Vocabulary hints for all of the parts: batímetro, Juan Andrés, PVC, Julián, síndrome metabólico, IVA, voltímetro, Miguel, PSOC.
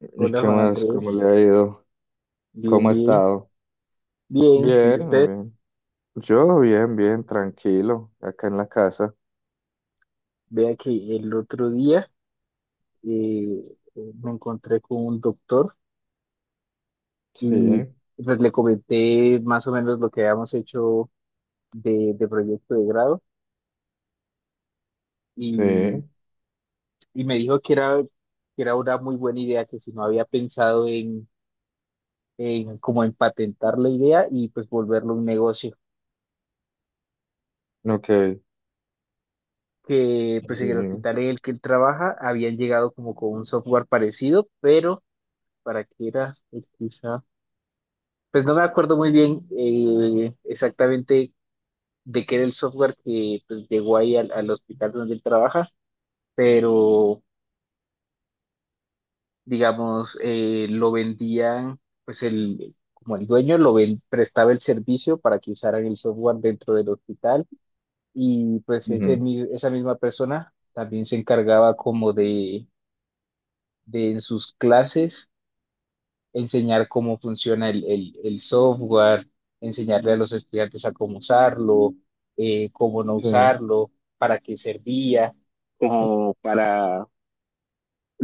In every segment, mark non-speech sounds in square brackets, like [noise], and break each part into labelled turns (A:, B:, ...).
A: ¿Y
B: Hola
A: qué
B: Juan
A: más? ¿Cómo
B: Andrés,
A: le ha ido?
B: bien,
A: ¿Cómo ha
B: bien,
A: estado?
B: bien. Y
A: Bien, muy
B: usted,
A: bien. Yo bien, bien, tranquilo, acá en la casa.
B: vea que el otro día me encontré con un doctor
A: Sí,
B: y pues le comenté más o menos lo que habíamos hecho de proyecto de grado y,
A: sí,
B: y me dijo que era una muy buena idea, que si no había pensado en como en patentar la idea y pues volverlo un negocio.
A: ok.
B: Que pues en el
A: Y,
B: hospital en el que él trabaja habían llegado como con un software parecido, pero para qué era. Quizá. Pues no me acuerdo muy bien exactamente de qué era el software que pues llegó ahí al hospital donde él trabaja, pero digamos, lo vendían, pues el, como el dueño prestaba el servicio para que usaran el software dentro del hospital. Y pues
A: ujú,
B: esa misma persona también se encargaba como de en sus clases enseñar cómo funciona el software, enseñarle a los estudiantes a cómo usarlo, cómo no
A: sí,
B: usarlo, para qué servía, como para,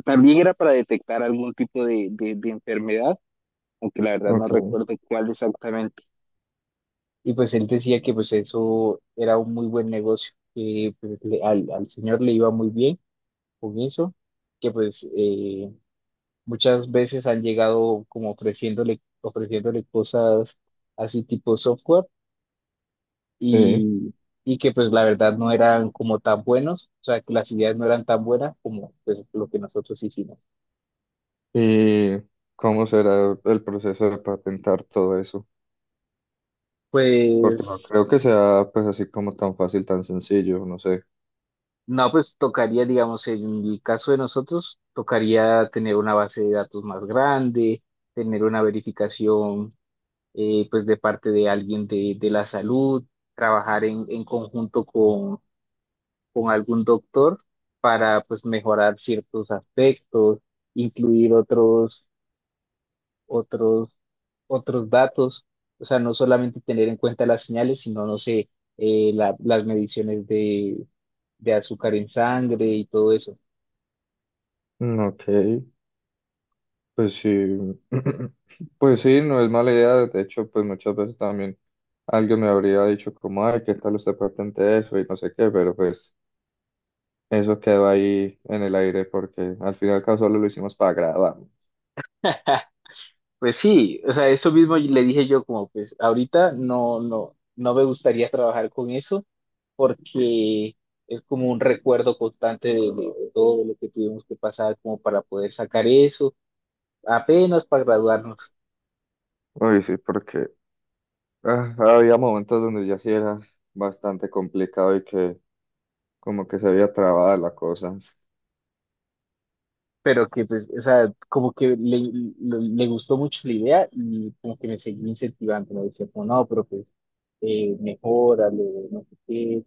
B: también era para detectar algún tipo de enfermedad, aunque la verdad no
A: ok,
B: recuerdo cuál exactamente. Y pues él decía que pues eso era un muy buen negocio, que pues, al señor le iba muy bien con eso, que pues... muchas veces han llegado como ofreciéndole cosas así tipo software
A: sí.
B: y, y que pues la verdad no eran como tan buenos, o sea, que las ideas no eran tan buenas como pues lo que nosotros hicimos.
A: ¿Y cómo será el proceso de patentar todo eso? Porque no
B: Pues
A: creo que sea pues así como tan fácil, tan sencillo, no sé.
B: no, pues tocaría, digamos, en el caso de nosotros, tocaría tener una base de datos más grande, tener una verificación, pues de parte de alguien de la salud, trabajar en conjunto con algún doctor para pues mejorar ciertos aspectos, incluir otros, otros datos, o sea, no solamente tener en cuenta las señales, sino, no sé, las mediciones de azúcar en sangre y todo eso.
A: Mm, ok, pues sí, [clears throat] pues sí, no es mala idea. De hecho, pues muchas veces también alguien me habría dicho como, ay, ¿qué tal usted patente eso? Y no sé qué, pero pues eso quedó ahí en el aire porque al final y al cabo solo lo hicimos para grabar.
B: Pues sí, o sea, eso mismo le dije yo como pues ahorita no, no, no me gustaría trabajar con eso porque es como un recuerdo constante de todo lo que tuvimos que pasar como para poder sacar eso apenas para graduarnos,
A: Uy, sí, porque ah, había momentos donde ya sí era bastante complicado y que como que se había trabada la cosa.
B: pero que pues, o sea, como que le gustó mucho la idea y como que me seguí incentivando, me decía como, no, pero pues, mejórale, no sé qué,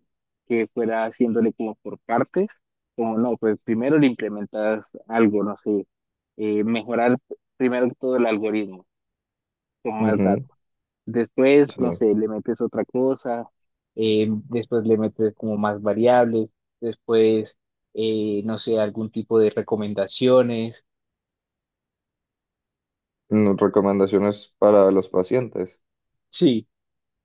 B: que fuera haciéndole como por partes, como no, pues primero le implementas algo, no sé, mejorar primero que todo el algoritmo, con más
A: Ujú,
B: datos. Después, no
A: sí.
B: sé, le metes otra cosa, después le metes como más variables, después, no sé, algún tipo de recomendaciones.
A: Mm. Recomendaciones para los pacientes.
B: Sí,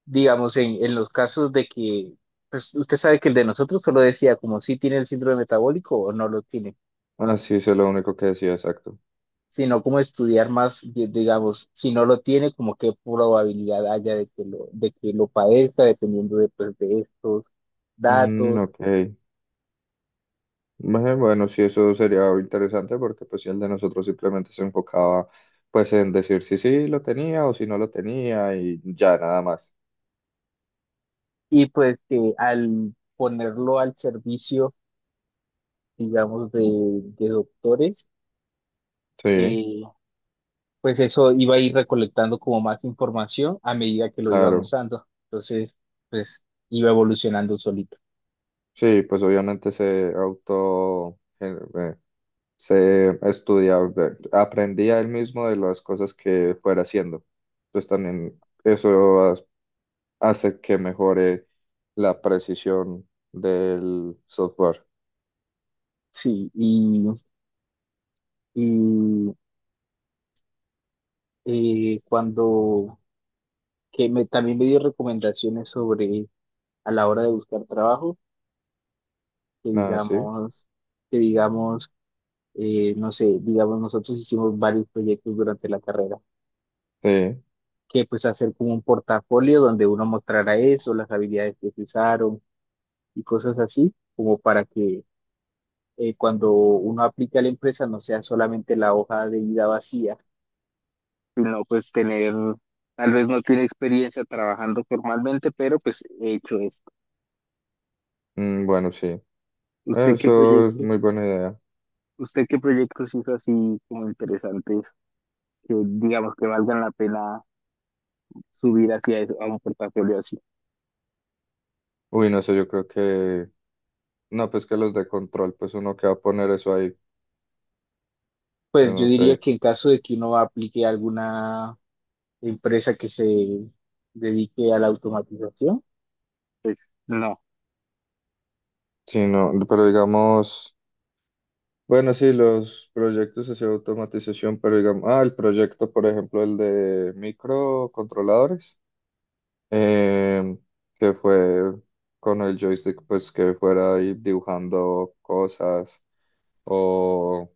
B: digamos, en los casos de que, pues usted sabe que el de nosotros solo decía como si tiene el síndrome metabólico o no lo tiene,
A: Ah, sí, eso es lo único que decía, exacto.
B: sino como estudiar más, digamos, si no lo tiene, como qué probabilidad haya de que de que lo padezca, dependiendo de, pues, de estos
A: Mm,
B: datos.
A: ok. Ve, bueno, sí, eso sería interesante porque pues si el de nosotros simplemente se enfocaba pues en decir si sí lo tenía o si no lo tenía y ya nada más.
B: Y pues que al ponerlo al servicio, digamos, de doctores,
A: Sí,
B: eh, pues eso iba a ir recolectando como más información a medida que lo iban
A: claro.
B: usando. Entonces, pues iba evolucionando solito.
A: Sí, pues obviamente se auto, se estudiaba, aprendía él mismo de las cosas que fuera haciendo. Entonces también eso hace que mejore la precisión del software.
B: Sí, y cuando también me dio recomendaciones sobre a la hora de buscar trabajo, que
A: No, sí,
B: digamos, que digamos, no sé, digamos, nosotros hicimos varios proyectos durante la carrera,
A: sí,
B: que pues hacer como un portafolio donde uno mostrara eso, las habilidades que se usaron y cosas así, como para que cuando uno aplica a la empresa no sea solamente la hoja de vida vacía, sino pues tener, tal vez no tiene experiencia trabajando formalmente, pero pues he hecho esto.
A: mm, bueno, sí.
B: ¿Usted qué
A: Eso es
B: proyecto,
A: muy buena idea.
B: ¿usted qué proyectos hizo así como interesantes que digamos que valgan la pena subir hacia eso, a un portafolio así?
A: Uy, no sé, yo creo que... No, pues que los de control, pues uno que va a poner eso ahí, pues
B: Pues yo
A: no
B: diría
A: sé.
B: que en caso de que uno aplique alguna empresa que se dedique a la automatización. No.
A: Sí, no, pero digamos... Bueno, sí, los proyectos así de automatización, pero digamos... Ah, el proyecto, por ejemplo, el de microcontroladores, eh, que fue con el joystick, pues que fuera ahí dibujando cosas o...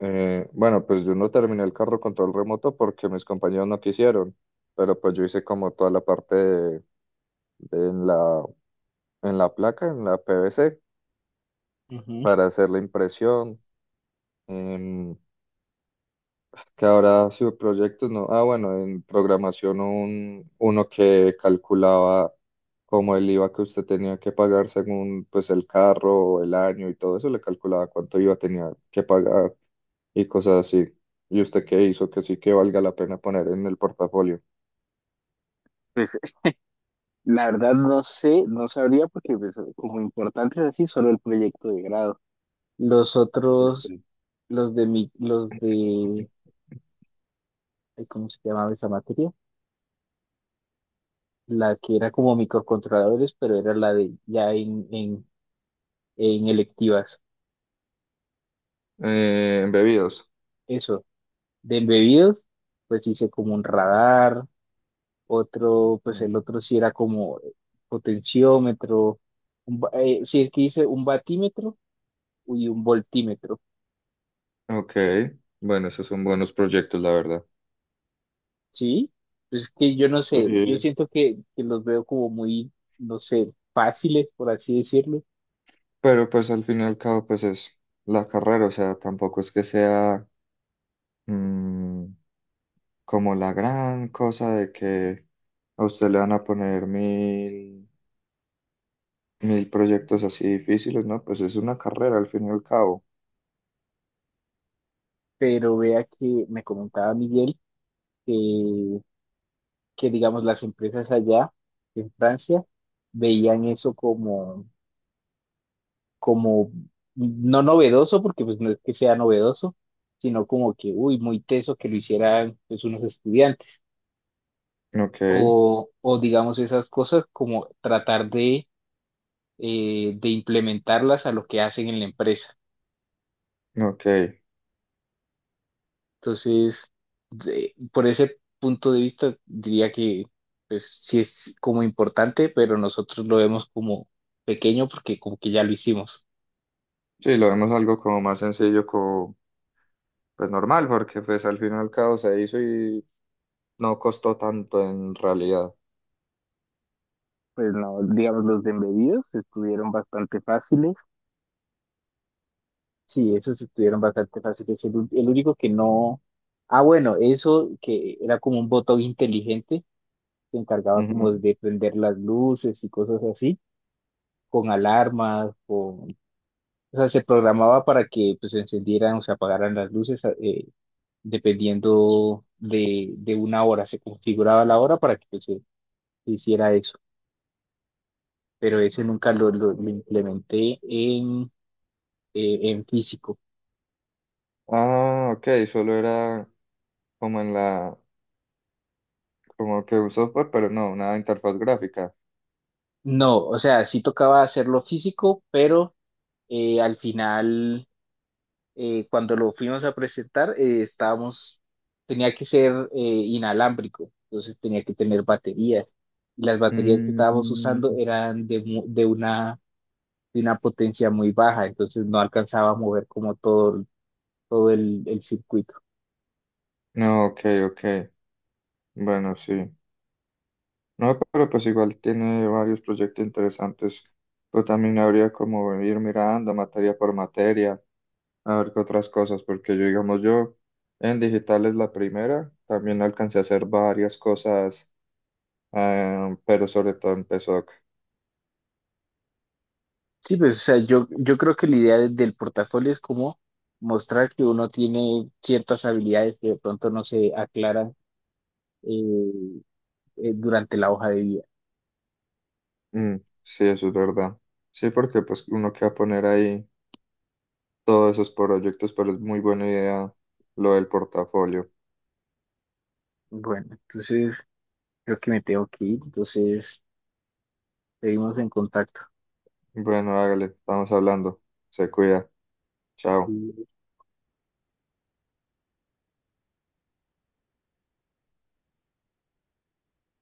A: Bueno, pues yo no terminé el carro control remoto porque mis compañeros no quisieron, pero pues yo hice como toda la parte de en la placa, en la PVC,
B: Ujú.
A: para hacer la impresión. em, que ahora proyectos no. Ah, bueno, en programación uno que calculaba como el IVA que usted tenía que pagar según pues el carro o el año y todo eso, le calculaba cuánto IVA tenía que pagar y cosas así. ¿Y usted qué hizo? Que sí que valga la pena poner en el portafolio.
B: Pues la verdad no sé, no sabría porque pues, como importante es así, solo el proyecto de grado. Los
A: [clears throat]
B: otros,
A: Perfecto.
B: los de, ay, ¿cómo se llamaba esa materia? La que era como microcontroladores, pero era la de ya en electivas.
A: En bebidos.
B: Eso, de embebidos, pues hice como un radar, otro, pues el
A: Mm.
B: otro sí era como potenciómetro, sí, el que dice un batímetro y un voltímetro,
A: Ok, bueno, esos son buenos proyectos, la verdad.
B: ¿sí? Pues es que yo no sé, yo siento que los veo como muy, no sé, fáciles, por así decirlo,
A: Pero pues al fin y al cabo pues es la carrera, o sea, tampoco es que sea mm, como la gran cosa de que a usted le van a poner mil, mil proyectos así difíciles, ¿no? Pues es una carrera al fin y al cabo.
B: pero vea que me comentaba Miguel que, que digamos, las empresas allá en Francia veían eso como como no novedoso, porque pues no es que sea novedoso, sino como que, uy, muy teso que lo hicieran pues unos estudiantes.
A: Ok,
B: O digamos esas cosas como tratar de implementarlas a lo que hacen en la empresa.
A: ok.
B: Entonces, por ese punto de vista, diría que pues sí es como importante, pero nosotros lo vemos como pequeño porque como que ya lo hicimos.
A: Sí, lo vemos algo como más sencillo, como pues normal, porque pues al fin y al cabo se hizo y no costó tanto en realidad.
B: Pues no, digamos, los de embebidos estuvieron bastante fáciles. Sí, esos estuvieron bastante fáciles. El único que no. Ah, bueno, eso que era como un botón inteligente, se encargaba como
A: Ujú.
B: de prender las luces y cosas así, con alarmas, con... O sea, se programaba para que pues se encendieran o se apagaran las luces dependiendo de una hora. Se configuraba la hora para que pues, se hiciera eso. Pero ese nunca lo implementé en físico.
A: Ah, ok, solo era como en la como que un software, pero no, una interfaz gráfica.
B: No, o sea, sí tocaba hacerlo físico, pero al final, cuando lo fuimos a presentar, tenía que ser inalámbrico, entonces tenía que tener baterías. Y las baterías que estábamos
A: Mm,
B: usando eran de una potencia muy baja, entonces no alcanzaba a mover como todo, todo el circuito.
A: no, ok, ok. Bueno, sí. No, pero pues igual tiene varios proyectos interesantes. Pero también habría como ir mirando materia por materia, a ver qué otras cosas, porque yo, digamos, yo en digital es la primera, también alcancé a hacer varias cosas, pero sobre todo en PSOC.
B: Sí, pues, o sea, yo creo que la idea del portafolio es como mostrar que uno tiene ciertas habilidades que de pronto no se aclaran eh, durante la hoja de vida.
A: Mm, sí, eso es verdad. Sí, porque pues uno que va a poner ahí, todos esos proyectos, pero es muy buena idea lo del portafolio.
B: Bueno, entonces creo que me tengo que ir, entonces seguimos en contacto.
A: Bueno, hágale, estamos hablando. Se cuida. Chao.
B: Mm.